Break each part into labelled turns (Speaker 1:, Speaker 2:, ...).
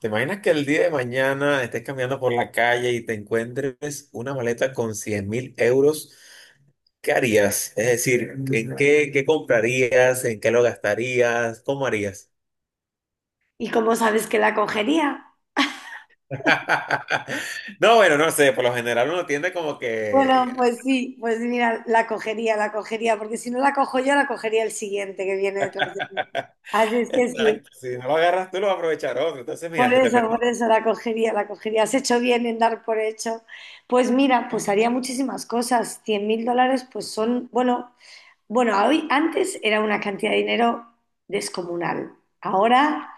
Speaker 1: ¿Te imaginas que el día de mañana estés caminando por la calle y te encuentres una maleta con 100.000 euros? ¿Qué harías? Es decir, ¿en qué comprarías? ¿En qué lo gastarías? ¿Cómo harías?
Speaker 2: ¿Y cómo sabes que la cogería?
Speaker 1: No, bueno, no sé. Por lo general uno tiende como
Speaker 2: Bueno,
Speaker 1: que...
Speaker 2: pues sí, pues mira, la cogería, porque si no la cojo yo, la cogería el siguiente que viene detrás de mí. Así es que sí,
Speaker 1: Exacto, si no lo agarras tú, lo va a aprovechar otro. Entonces, mira, que te
Speaker 2: por
Speaker 1: presenta
Speaker 2: eso la cogería, la cogería. Has hecho bien en dar por hecho. Pues mira, pues haría muchísimas cosas. 100.000 dólares, pues son, bueno, bueno, hoy, antes era una cantidad de dinero descomunal. Ahora,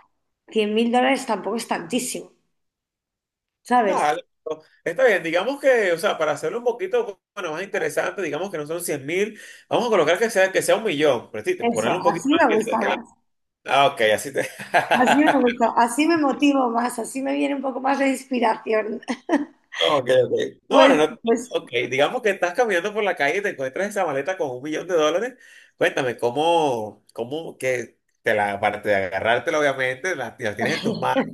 Speaker 2: 100.000 dólares tampoco es tantísimo, ¿sabes?
Speaker 1: algo. Está bien, digamos que, o sea, para hacerlo un poquito bueno, más interesante, digamos que no son 100.000, vamos a colocar que sea 1.000.000, pero sí,
Speaker 2: Eso,
Speaker 1: ponerle un poquito
Speaker 2: así
Speaker 1: más
Speaker 2: me
Speaker 1: que,
Speaker 2: gustaba.
Speaker 1: ah, ok, así te.
Speaker 2: Así me gusta, así me motivo más, así me viene un poco más de inspiración.
Speaker 1: Ok, ok. No,
Speaker 2: Pues,
Speaker 1: no, no.
Speaker 2: pues
Speaker 1: Ok, digamos que estás caminando por la calle y te encuentras esa maleta con 1.000.000 de dólares. Cuéntame, ¿cómo que te la, aparte de agarrártela, obviamente, la tienes en tus manos?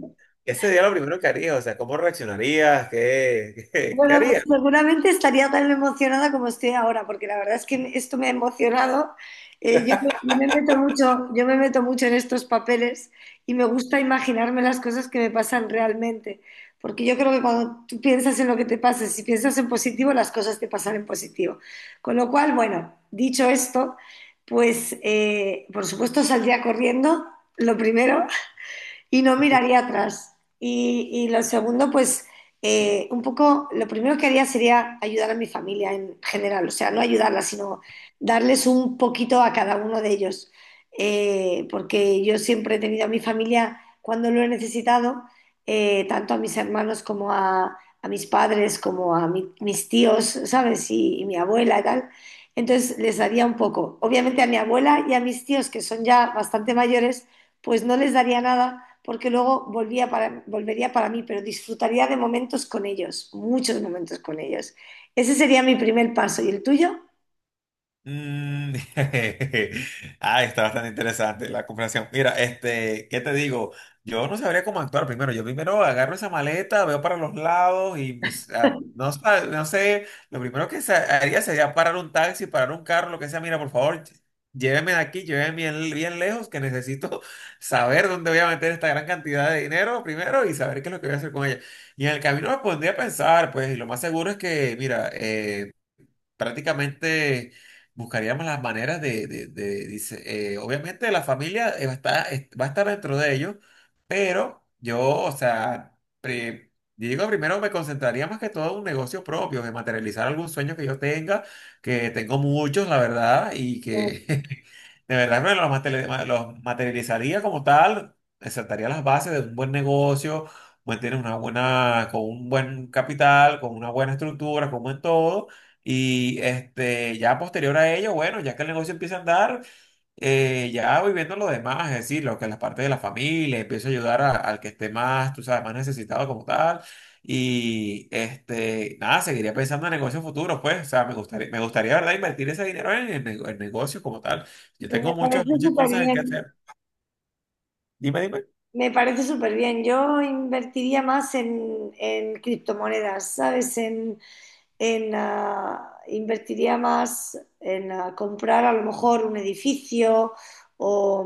Speaker 1: Ese día lo primero que harías, o sea, ¿cómo reaccionarías? ¿Qué, qué
Speaker 2: Bueno, pues
Speaker 1: harías?
Speaker 2: seguramente estaría tan emocionada como estoy ahora, porque la verdad es que esto me ha emocionado. Yo me meto mucho en estos papeles y me gusta imaginarme las cosas que me pasan realmente, porque yo creo que cuando tú piensas en lo que te pasa, si piensas en positivo, las cosas te pasan en positivo. Con lo cual, bueno, dicho esto, pues por supuesto saldría corriendo, lo primero, y no miraría atrás. Y lo segundo, pues un poco, lo primero que haría sería ayudar a mi familia en general, o sea, no ayudarla, sino darles un poquito a cada uno de ellos. Porque yo siempre he tenido a mi familia cuando lo he necesitado, tanto a mis hermanos como a mis padres, como a mis tíos, ¿sabes? Y mi abuela y tal. Entonces les daría un poco. Obviamente a mi abuela y a mis tíos, que son ya bastante mayores, pues no les daría nada porque luego volvería para mí, pero disfrutaría de momentos con ellos, muchos momentos con ellos. Ese sería mi primer paso. ¿Y el tuyo?
Speaker 1: Mm. Ah, está bastante interesante la conversación. Mira, este, ¿qué te digo? Yo no sabría cómo actuar primero. Yo primero agarro esa maleta, veo para los lados y mis, no, no sé, lo primero que haría sería parar un taxi, parar un carro, lo que sea. Mira, por favor, lléveme de aquí, lléveme bien, bien lejos, que necesito saber dónde voy a meter esta gran cantidad de dinero primero y saber qué es lo que voy a hacer con ella. Y en el camino me pondría a pensar, pues, y lo más seguro es que, mira, prácticamente buscaríamos las maneras de, dice, obviamente la familia va a estar, va a estar dentro de ellos, pero yo, o sea, digo, primero me concentraría más que todo en un negocio propio, de materializar algún sueño que yo tenga, que tengo muchos, la verdad, y
Speaker 2: Eh,
Speaker 1: que de verdad me los materializaría como tal, sentaría las bases de un buen negocio. Mantener una buena, con un buen capital, con una buena estructura, con un buen todo, y este, ya posterior a ello, bueno, ya que el negocio empieza a andar, ya voy viendo lo demás, es decir, lo que las partes de la familia, empiezo a ayudar al que esté más, tú sabes, más necesitado como tal. Y este, nada, seguiría pensando en negocios futuros, pues, o sea, me gustaría, ¿verdad?, invertir ese dinero en, el en negocios como tal. Yo
Speaker 2: Me
Speaker 1: tengo muchas,
Speaker 2: parece
Speaker 1: muchas
Speaker 2: súper
Speaker 1: cosas en que
Speaker 2: bien.
Speaker 1: hacer. Dime, dime.
Speaker 2: Me parece súper bien. Yo invertiría más en criptomonedas, ¿sabes? Invertiría más en comprar a lo mejor un edificio o,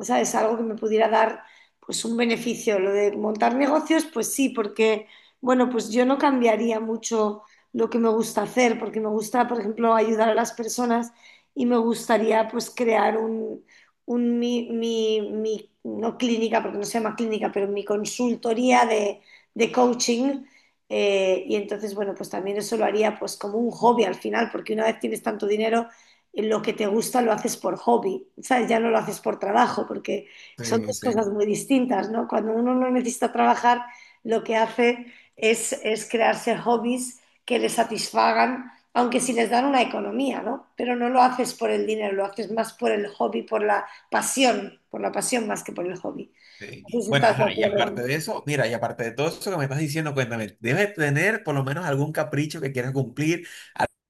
Speaker 2: ¿sabes? Algo que me pudiera dar pues un beneficio. Lo de montar negocios, pues sí, porque, bueno, pues yo no cambiaría mucho lo que me gusta hacer, porque me gusta, por ejemplo, ayudar a las personas y me gustaría pues crear un no clínica, porque no se llama clínica, pero mi consultoría de coaching y entonces, bueno, pues también eso lo haría pues como un hobby al final, porque una vez tienes tanto dinero, lo que te gusta lo haces por hobby, ¿sabes? Ya no lo haces por trabajo, porque son
Speaker 1: Sí,
Speaker 2: dos cosas
Speaker 1: sí,
Speaker 2: muy distintas, ¿no? Cuando uno no necesita trabajar, lo que hace es crearse hobbies que le satisfagan, aunque sí les dan una economía, ¿no? Pero no lo haces por el dinero, lo haces más por el hobby, por la pasión más que por el hobby.
Speaker 1: sí.
Speaker 2: No sé si
Speaker 1: Bueno,
Speaker 2: estás de
Speaker 1: ajá, y aparte
Speaker 2: acuerdo.
Speaker 1: de eso, mira, y aparte de todo eso que me estás diciendo, cuéntame, debes tener por lo menos algún capricho que quieras cumplir.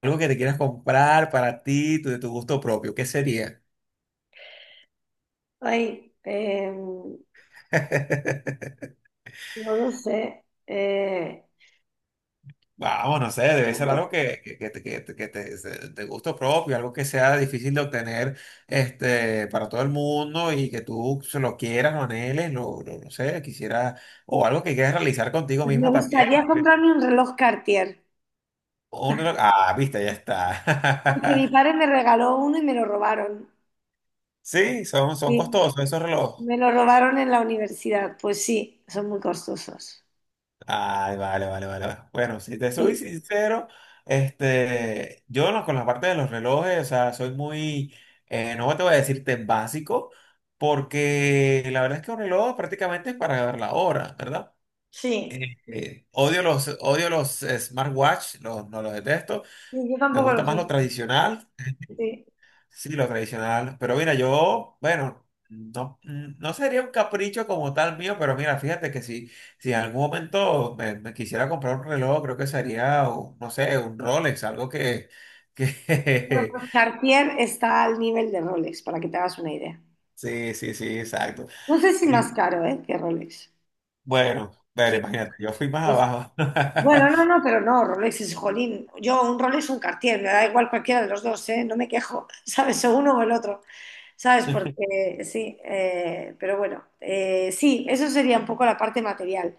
Speaker 1: Algo que te quieras comprar para ti, de tu gusto propio, ¿qué sería?
Speaker 2: Ay, em, No lo sé.
Speaker 1: Vamos, no sé, debe ser
Speaker 2: Pues
Speaker 1: algo que, te- que, te, que te- se- de gusto propio, algo que sea difícil de obtener para todo el mundo y que tú se lo quieras, lo anheles, no sé, quisiera, o algo que quieras realizar contigo
Speaker 2: me
Speaker 1: mismo también.
Speaker 2: gustaría comprarme un reloj Cartier,
Speaker 1: Ah, viste, ya está.
Speaker 2: porque mi padre me regaló uno y me lo robaron.
Speaker 1: Sí, son
Speaker 2: Sí,
Speaker 1: costosos esos relojes.
Speaker 2: me lo robaron en la universidad. Pues sí, son muy costosos.
Speaker 1: Ay, vale, vale, vale. Vale. Bueno, si te soy
Speaker 2: Sí,
Speaker 1: sincero, este, yo no, con la parte de los relojes, o sea, soy muy, no te voy a decir tan básico, porque la verdad es que un reloj prácticamente es para ver la hora, ¿verdad?
Speaker 2: sí,
Speaker 1: Odio los smartwatch, no los detesto.
Speaker 2: sí, yo
Speaker 1: Me
Speaker 2: tampoco
Speaker 1: gusta
Speaker 2: lo
Speaker 1: más
Speaker 2: sé.
Speaker 1: lo tradicional.
Speaker 2: Sí.
Speaker 1: Sí, lo tradicional. Pero mira, yo, bueno, no, no sería un capricho como tal mío, pero mira, fíjate que si, si en algún momento me quisiera comprar un reloj, creo que sería, no sé, un Rolex, algo
Speaker 2: Bueno,
Speaker 1: que...
Speaker 2: pues Cartier está al nivel de Rolex, para que te hagas una idea.
Speaker 1: Sí, sí, sí, exacto.
Speaker 2: No sé si
Speaker 1: Eh,
Speaker 2: más caro, ¿eh? Que Rolex.
Speaker 1: Bueno, bueno,
Speaker 2: Sí,
Speaker 1: imagínate, yo fui más
Speaker 2: pues,
Speaker 1: abajo.
Speaker 2: bueno, no, no, pero no, Rolex es jolín. Yo, un Rolex o un Cartier, me da igual cualquiera de los dos, ¿eh? No me quejo, ¿sabes? O uno o el otro, ¿sabes? Porque sí, pero bueno, sí, eso sería un poco la parte material.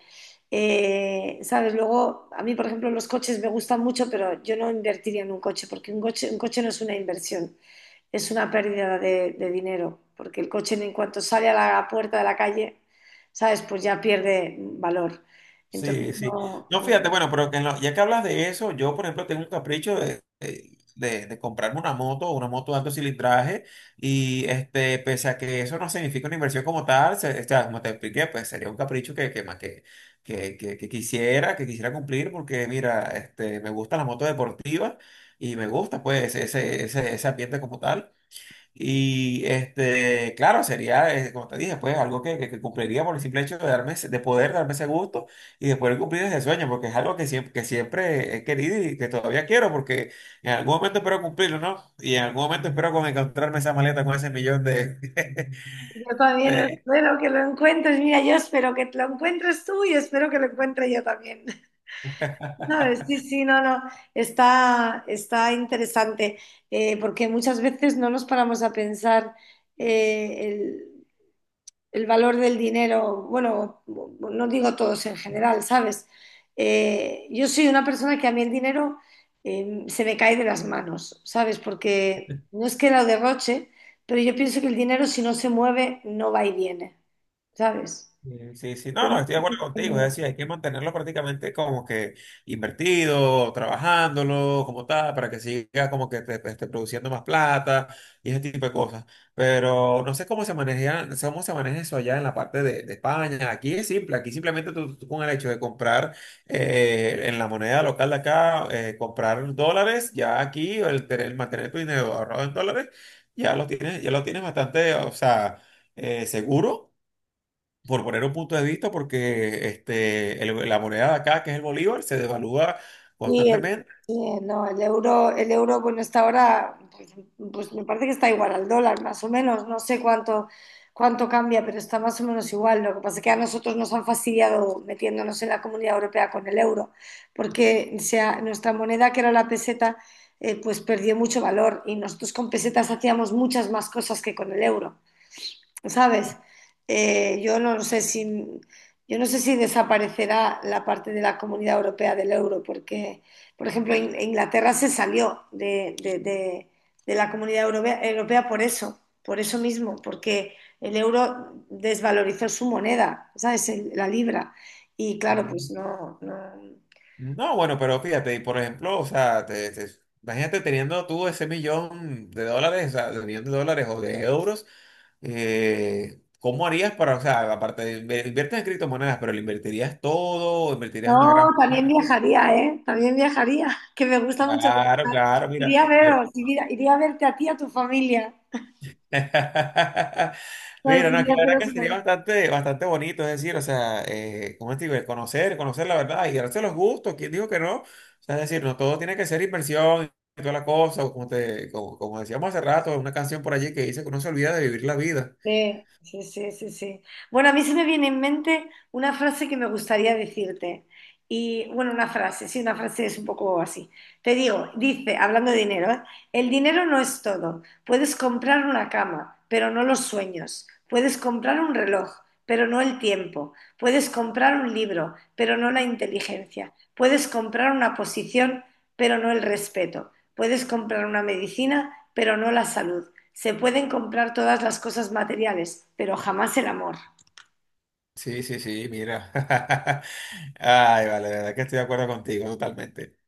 Speaker 2: ¿Sabes? Luego, a mí, por ejemplo, los coches me gustan mucho, pero yo no invertiría en un coche, porque un coche no es una inversión, es una pérdida de dinero, porque el coche en cuanto sale a la puerta de la calle, ¿sabes? Pues ya pierde valor. Entonces,
Speaker 1: Sí, sí.
Speaker 2: no,
Speaker 1: No, fíjate,
Speaker 2: no.
Speaker 1: bueno, pero que en ya que hablas de eso, yo, por ejemplo, tengo un capricho de comprarme una moto de alto cilindraje, y este, pese a que eso no significa una inversión como tal, o sea, como te expliqué, pues sería un capricho más que quisiera cumplir, porque mira, este, me gusta la moto deportiva y me gusta, pues, ese ambiente como tal. Y este, claro, sería, como te dije, pues algo que, que cumpliría por el simple hecho de darme, de poder darme ese gusto y de poder cumplir ese sueño, porque es algo que siempre he querido y que todavía quiero, porque en algún momento espero cumplirlo, ¿no? Y en algún momento espero con encontrarme esa maleta con ese 1.000.000 de,
Speaker 2: Yo también lo
Speaker 1: de,
Speaker 2: espero que lo encuentres. Mira, yo espero que lo encuentres tú y espero que lo encuentre yo también. No, sí, sí, no, no. Está interesante, porque muchas veces no nos paramos a pensar, eh, el valor del dinero, bueno, no digo todos en general, ¿sabes? Yo soy una persona que a mí el dinero, se me cae de las manos, ¿sabes? Porque no es que lo derroche, pero yo pienso que el dinero si no se mueve no va y viene, ¿sabes?
Speaker 1: Sí, sí, sí.
Speaker 2: El
Speaker 1: No, no, estoy de acuerdo contigo. Es
Speaker 2: dinero-
Speaker 1: decir, hay que mantenerlo prácticamente como que invertido, trabajándolo, como tal, para que siga como que te esté produciendo más plata y ese tipo de cosas. Pero no sé cómo se maneja eso allá en la parte de España. Aquí es simple, aquí simplemente tú, tú con el hecho de comprar en la moneda local de acá, comprar dólares, ya aquí el, mantener tu dinero ahorrado en dólares, ya lo tienes bastante, o sea, seguro por poner un punto de vista, porque este, la moneda de acá, que es el bolívar, se devalúa
Speaker 2: Sí,
Speaker 1: constantemente.
Speaker 2: sí, no, el euro, bueno, está ahora, pues me parece que está igual al dólar, más o menos, no sé cuánto cambia, pero está más o menos igual. Lo que pasa es que a nosotros nos han fastidiado metiéndonos en la Comunidad Europea con el euro, porque nuestra moneda, que era la peseta, pues perdió mucho valor y nosotros con pesetas hacíamos muchas más cosas que con el euro. ¿Sabes? Yo no sé si, yo no sé si desaparecerá la parte de la Comunidad Europea del euro, porque, por ejemplo, Inglaterra se salió de la Comunidad Europea por eso mismo, porque el euro desvalorizó su moneda, ¿sabes? La libra. Y claro, pues
Speaker 1: Mm.
Speaker 2: no, no.
Speaker 1: No, bueno, pero fíjate, y por ejemplo, o sea, imagínate teniendo tú ese 1.000.000 de dólares, o sea, de 1.000.000 de dólares o de euros, ¿cómo harías para, o sea, aparte de inviertes en criptomonedas, pero lo invertirías todo, invertirías una
Speaker 2: No,
Speaker 1: gran...
Speaker 2: también viajaría, ¿eh? También viajaría, que me gusta mucho
Speaker 1: Claro,
Speaker 2: viajar.
Speaker 1: claro, mira.
Speaker 2: Iría a veros, iría a verte a ti y a tu familia.
Speaker 1: Mira,
Speaker 2: Ay, sí,
Speaker 1: no, que
Speaker 2: mira,
Speaker 1: la verdad
Speaker 2: pero
Speaker 1: que
Speaker 2: se
Speaker 1: sería
Speaker 2: me-
Speaker 1: bastante, bastante bonito, es decir, o sea, ¿cómo te digo? El conocer, conocer la verdad y darse los gustos, ¿quién dijo que no? O sea, es decir, no todo tiene que ser inversión y toda la cosa, o como decíamos hace rato, una canción por allí que dice que uno se olvida de vivir la vida.
Speaker 2: Sí, sí, sí, sí, sí. Bueno, a mí se me viene en mente una frase que me gustaría decirte. Y bueno, una frase, sí, una frase es un poco así. Te digo, dice, hablando de dinero, ¿eh? El dinero no es todo. Puedes comprar una cama, pero no los sueños. Puedes comprar un reloj, pero no el tiempo. Puedes comprar un libro, pero no la inteligencia. Puedes comprar una posición, pero no el respeto. Puedes comprar una medicina, pero no la salud. Se pueden comprar todas las cosas materiales, pero jamás el amor.
Speaker 1: Sí, sí, sí, mira. Ay, vale, la verdad que estoy de acuerdo contigo totalmente.